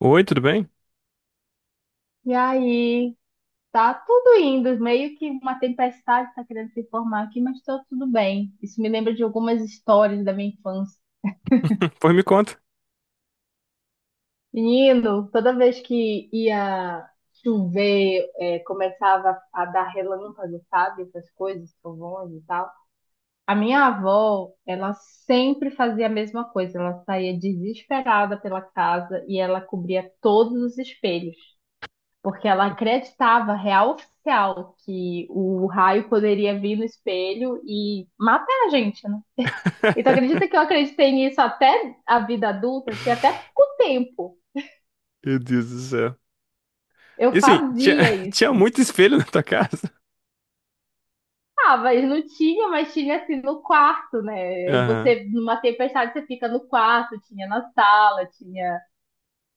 Oi, tudo bem? E aí, tá tudo indo, meio que uma tempestade está querendo se formar aqui, mas tá tudo bem. Isso me lembra de algumas histórias da minha infância. Pois me conta. Menino, toda vez que ia chover, começava a dar relâmpago, sabe? Essas coisas, trovões e tal. A minha avó, ela sempre fazia a mesma coisa. Ela saía desesperada pela casa e ela cobria todos os espelhos, porque ela acreditava, real oficial, que o raio poderia vir no espelho e matar a gente, né? E tu acredita que eu acreditei nisso até a vida adulta, assim, até pouco tempo. Meu Deus do céu. Eu E assim, tinha, fazia tinha isso. muito espelho na tua casa? Ah, mas não tinha, mas tinha assim no quarto, né? E Aham. você, numa tempestade, você fica no quarto, tinha na sala, tinha.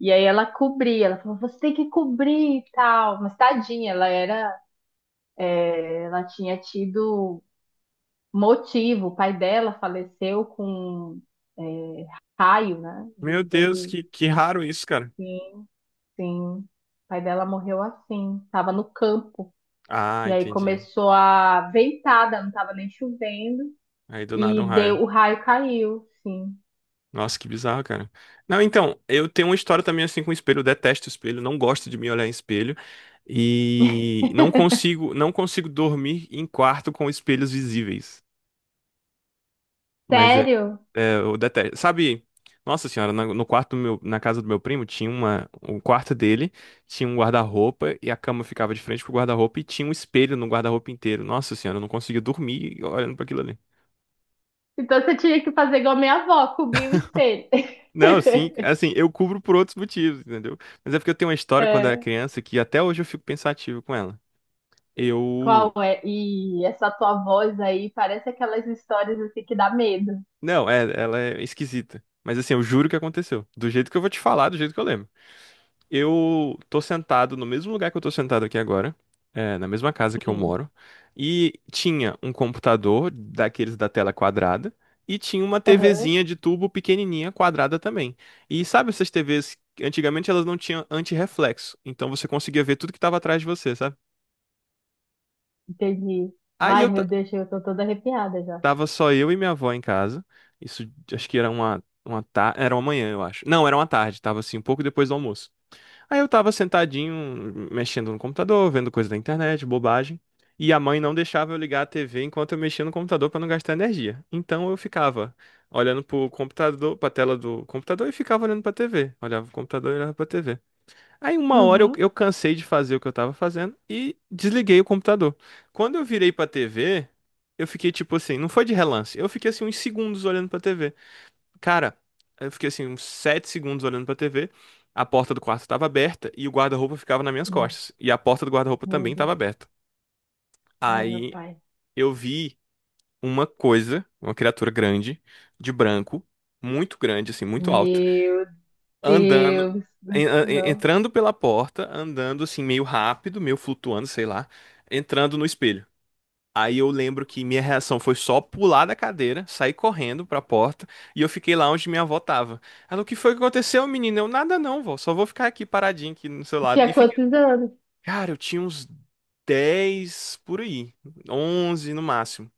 E aí ela cobria, ela falou, você tem que cobrir e tal. Mas tadinha, ela era. Ela tinha tido motivo. O pai dela faleceu com raio, né? Ele Meu Deus, teve. que raro isso, cara. Sim, sim. O pai dela morreu assim, estava no campo. Ah, E aí entendi. começou a ventada, não estava nem chovendo. Aí do nada um E deu, raio. o raio caiu, sim. Nossa, que bizarro, cara. Não, então, eu tenho uma história também assim com espelho. Eu detesto espelho, não gosto de me olhar em espelho. E não consigo dormir em quarto com espelhos visíveis. Mas Sério? Eu detesto. Sabe, nossa senhora, no quarto do meu, na casa do meu primo o quarto dele tinha um guarda-roupa e a cama ficava de frente pro guarda-roupa e tinha um espelho no guarda-roupa inteiro. Nossa senhora, eu não conseguia dormir olhando pra aquilo ali. Então você tinha que fazer igual a minha avó, cobrir o espelho. Não, assim, assim, eu cubro por outros motivos, entendeu? Mas é porque eu tenho uma história quando eu era É. criança que até hoje eu fico pensativo com ela. Qual Eu, é? E essa tua voz aí parece aquelas histórias assim que dá medo. não, ela é esquisita. Mas assim, eu juro que aconteceu. Do jeito que eu vou te falar, do jeito que eu lembro. Eu tô sentado no mesmo lugar que eu tô sentado aqui agora, na mesma casa que eu Sim. moro, e tinha um computador daqueles da tela quadrada e tinha uma Aham, TVzinha de tubo pequenininha quadrada também. E sabe essas TVs, antigamente elas não tinham antirreflexo, então você conseguia ver tudo que tava atrás de você, sabe? entendi. Aí Ai, eu meu Deus, eu tô toda arrepiada já. tava só eu e minha avó em casa. Isso, acho que era uma manhã, eu acho. Não, era uma tarde, tava assim um pouco depois do almoço. Aí eu tava sentadinho, mexendo no computador, vendo coisa da internet, bobagem. E a mãe não deixava eu ligar a TV enquanto eu mexia no computador pra não gastar energia. Então eu ficava olhando pro computador, pra tela do computador, e ficava olhando pra TV. Olhava pro computador e olhava pra TV. Aí uma hora eu, Uhum. eu cansei de fazer o que eu tava fazendo e desliguei o computador. Quando eu virei pra TV, eu fiquei tipo assim, não foi de relance, eu fiquei assim uns segundos olhando pra TV. Cara, eu fiquei assim uns 7 segundos olhando pra TV. A porta do quarto tava aberta e o guarda-roupa ficava nas minhas Não, costas. E a porta do guarda-roupa meu também tava Deus. aberta. Ai, meu Aí pai. eu vi uma coisa, uma criatura grande, de branco, muito grande, assim, muito alto, Meu andando, Deus do céu. entrando pela porta, andando assim, meio rápido, meio flutuando, sei lá, entrando no espelho. Aí eu lembro que minha reação foi só pular da cadeira, sair correndo pra porta, e eu fiquei lá onde minha avó tava. Ela: o que foi que aconteceu, menina? Eu: nada não, vó, só vou ficar aqui paradinho aqui no seu lado. E Tinha fiquei, quantos anos? cara, eu tinha uns 10 por aí, 11 no máximo.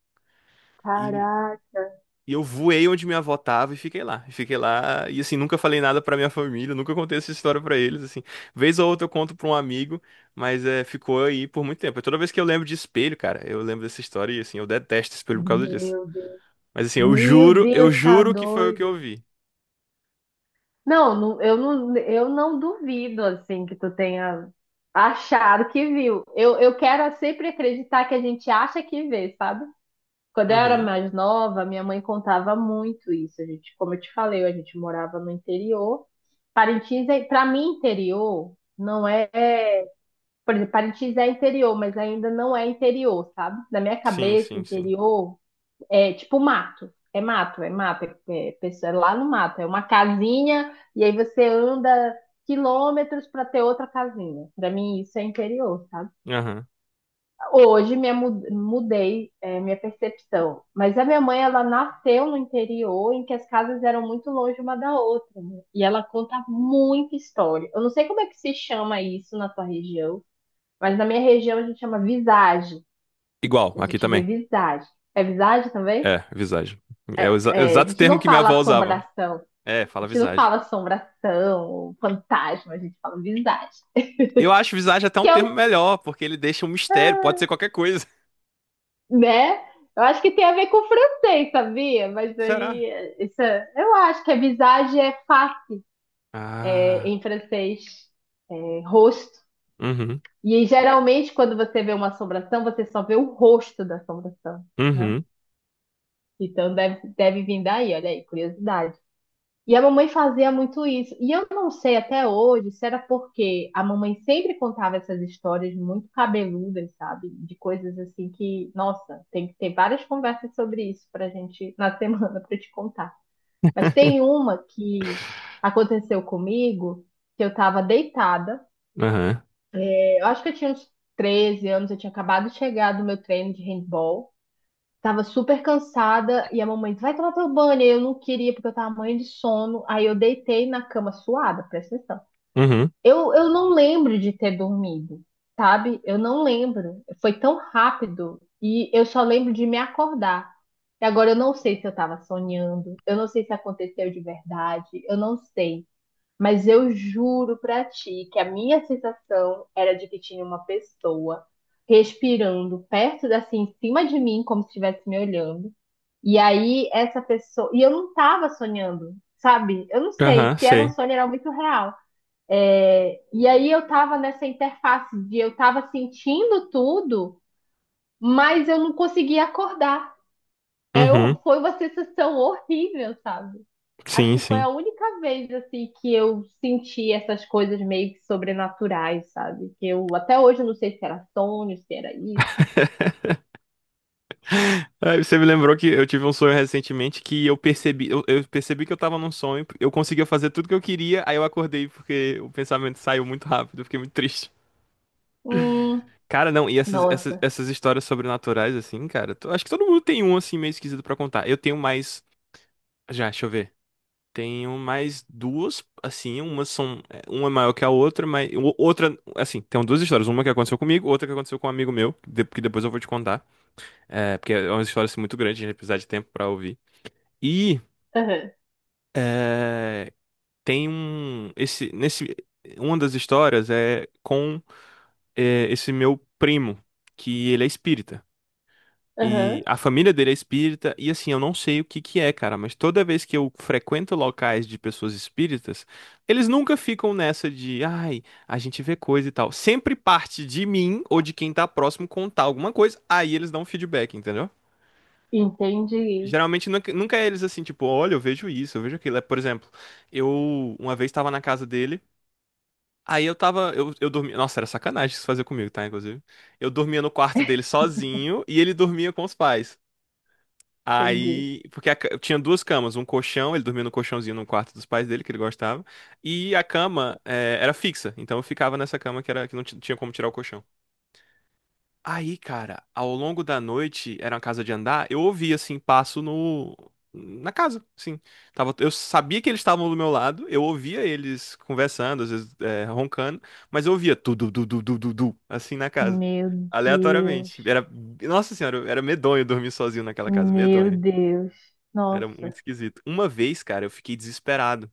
E, Caraca. e eu voei onde minha avó tava e fiquei lá. E fiquei lá e assim, nunca falei nada pra minha família, nunca contei essa história pra eles, assim. Vez ou outra eu conto pra um amigo, mas ficou aí por muito tempo. E toda vez que eu lembro de espelho, cara, eu lembro dessa história, e assim, eu detesto espelho por causa disso. Meu Deus. Mas assim, Meu eu Deus, tá juro que foi o que eu doido. vi. Não, não, eu não, eu não duvido, assim, que tu tenha achado que viu. Eu quero sempre acreditar que a gente acha que vê, sabe? Quando eu era Uhum. mais nova, minha mãe contava muito isso. A gente, como eu te falei, a gente morava no interior. Parintins é, para mim, interior não é, é- por exemplo, Parintins é interior, mas ainda não é interior, sabe? Na minha Sim, cabeça, sim, sim. interior é tipo mato. É mato, é mato, pessoa- é lá no mato, é uma casinha e aí você anda quilômetros para ter outra casinha. Para mim isso é interior, sabe? Aham. Hoje me mu- mudei minha percepção, mas a minha mãe ela nasceu no interior em que as casas eram muito longe uma da outra, né? E ela conta muita história. Eu não sei como é que se chama isso na tua região, mas na minha região a gente chama visagem. Igual, A aqui gente vê também. visagem. É visagem também? É, visagem. É o É, a exato gente termo não que minha fala avó usava. assombração. É, A fala gente não visagem. fala assombração, fantasma, a gente fala visagem. Eu acho visagem até um Que é termo um melhor, porque ele deixa um mistério, pode ser qualquer coisa. né? Eu acho que tem a ver com o francês, sabia? Mas Será? aí, isso, é- eu acho que a visage é face é, Ah. em francês, é, rosto. Uhum. E aí, geralmente, quando você vê uma assombração, você só vê o rosto da assombração, né? Uhum. Então deve, deve vir daí, olha aí, curiosidade. E a mamãe fazia muito isso. E eu não sei até hoje se era porque a mamãe sempre contava essas histórias muito cabeludas, sabe? De coisas assim que, nossa, tem que ter várias conversas sobre isso pra gente na semana pra eu te contar. Mas tem uma que aconteceu comigo, que eu tava deitada. Aham. Eu acho que eu tinha uns 13 anos, eu tinha acabado de chegar do meu treino de handball. Tava super cansada e a mamãe disse, vai tomar teu banho. Aí eu não queria porque eu tava morrendo de sono. Aí eu deitei na cama suada, presta atenção. Uhum. Eu não lembro de ter dormido, sabe? Eu não lembro. Foi tão rápido e eu só lembro de me acordar. E agora eu não sei se eu tava sonhando, eu não sei se aconteceu de verdade, eu não sei. Mas eu juro pra ti que a minha sensação era de que tinha uma pessoa respirando perto, assim, em cima de mim, como se estivesse me olhando. E aí, essa pessoa. E eu não tava sonhando, sabe? Eu não sei Aham, se era um sei. sonho, era muito real. E aí, eu tava nessa interface de eu tava sentindo tudo, mas eu não conseguia acordar Uhum. foi uma sensação horrível, sabe? Acho Sim, que foi sim. a única vez assim que eu senti essas coisas meio que sobrenaturais, sabe? Que eu até hoje eu não sei se era sonho, se era isso. Aí você me lembrou que eu tive um sonho recentemente que eu percebi, eu percebi que eu tava num sonho, eu conseguia fazer tudo que eu queria, aí eu acordei porque o pensamento saiu muito rápido, eu fiquei muito triste. Hum, Cara, não, e essas, essas, nossa. essas histórias sobrenaturais, assim, cara, acho que todo mundo tem um, assim, meio esquisito pra contar. Eu tenho mais, já, deixa eu ver, tenho mais duas, assim, umas são, uma é maior que a outra, mas, outra, assim, tem duas histórias, uma que aconteceu comigo, outra que aconteceu com um amigo meu, que depois eu vou te contar, é, porque é uma história, assim, muito grande, a gente vai precisar de tempo pra ouvir. E Aham, É, tem um esse nesse Uma das histórias é com esse meu primo, que ele é espírita e aham. a família dele é espírita. E assim, eu não sei o que que é, cara, mas toda vez que eu frequento locais de pessoas espíritas, eles nunca ficam nessa de, ai, a gente vê coisa e tal. Sempre parte de mim ou de quem tá próximo contar alguma coisa, aí eles dão um feedback, entendeu? Entendi, Geralmente nunca, nunca é eles assim, tipo, olha, eu vejo isso, eu vejo aquilo. Por exemplo, eu uma vez estava na casa dele. Aí eu tava, eu dormia, nossa, era sacanagem isso fazer comigo, tá, inclusive. Eu dormia no quarto dele sozinho e ele dormia com os pais. entendi. Aí, porque a eu tinha duas camas, um colchão, ele dormia no colchãozinho no quarto dos pais dele, que ele gostava, e a cama era fixa, então eu ficava nessa cama que era, que não tinha como tirar o colchão. Aí, cara, ao longo da noite, era uma casa de andar, eu ouvi assim passo no na casa, sim. Tava, eu sabia que eles estavam do meu lado, eu ouvia eles conversando, às vezes roncando, mas eu ouvia tu du du du du du du, assim na casa, Meu aleatoriamente. Deus, Era, nossa senhora, era medonho dormir sozinho naquela casa, meu medonho. Deus. Era muito Nossa. esquisito. Uma vez, cara, eu fiquei desesperado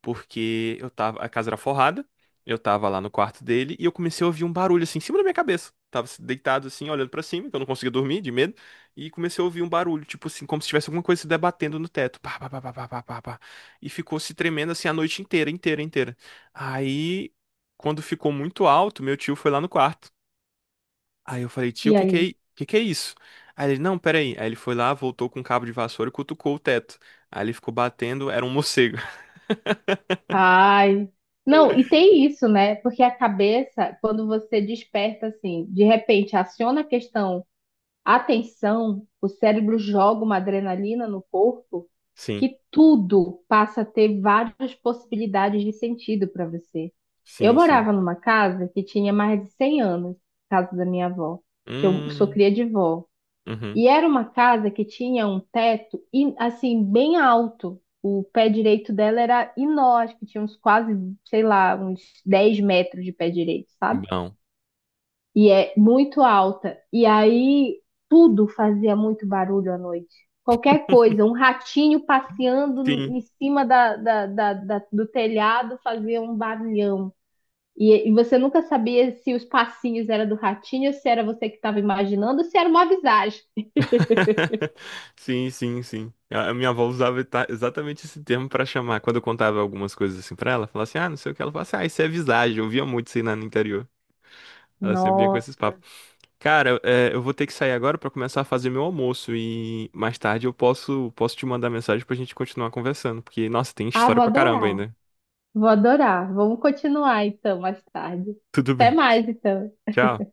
porque eu tava, a casa era forrada, eu tava lá no quarto dele e eu comecei a ouvir um barulho assim em cima da minha cabeça. Tava deitado assim, olhando pra cima, que eu não conseguia dormir de medo, e comecei a ouvir um barulho, tipo assim, como se tivesse alguma coisa se debatendo no teto. Pá, pá, pá, pá, pá, pá, pá, pá. E ficou se tremendo assim a noite inteira, inteira, inteira. Aí, quando ficou muito alto, meu tio foi lá no quarto. Aí eu falei: tio, o E que que é, aí? Que é isso? Aí ele: não, peraí. Aí ele foi lá, voltou com um cabo de vassoura e cutucou o teto. Aí ele ficou batendo, era um morcego. Ai. Não, e tem isso, né? Porque a cabeça, quando você desperta assim, de repente aciona a questão. A tensão, o cérebro joga uma adrenalina no corpo Sim, que tudo passa a ter várias possibilidades de sentido para você. Eu sim, sim. morava numa casa que tinha mais de 100 anos, casa da minha avó, que eu sou Hum, cria de vó. uhum, E era uma casa que tinha um teto e assim bem alto. O pé direito dela era enorme, que tinha uns quase, sei lá, uns 10 metros de pé direito, sabe? bom. E é muito alta. E aí tudo fazia muito barulho à noite. Qualquer coisa, um ratinho passeando Sim. em cima do telhado fazia um barulhão. E você nunca sabia se os passinhos eram do ratinho, se era você que estava imaginando, se era uma visagem. Sim, sim, sim. A minha avó usava exatamente esse termo pra chamar. Quando eu contava algumas coisas assim pra ela, falava assim: ah, não sei o que. Ela falava assim: ah, isso é visagem. Eu via muito isso aí lá no interior. Ela sempre vinha com esses Nossa, papos. Cara, eu vou ter que sair agora pra começar a fazer meu almoço. E mais tarde eu posso te mandar mensagem pra gente continuar conversando. Porque, nossa, tem ah, história vou pra caramba adorar, ainda. vou adorar. Vamos continuar então mais tarde. Tudo Até bem. mais então. Tchau.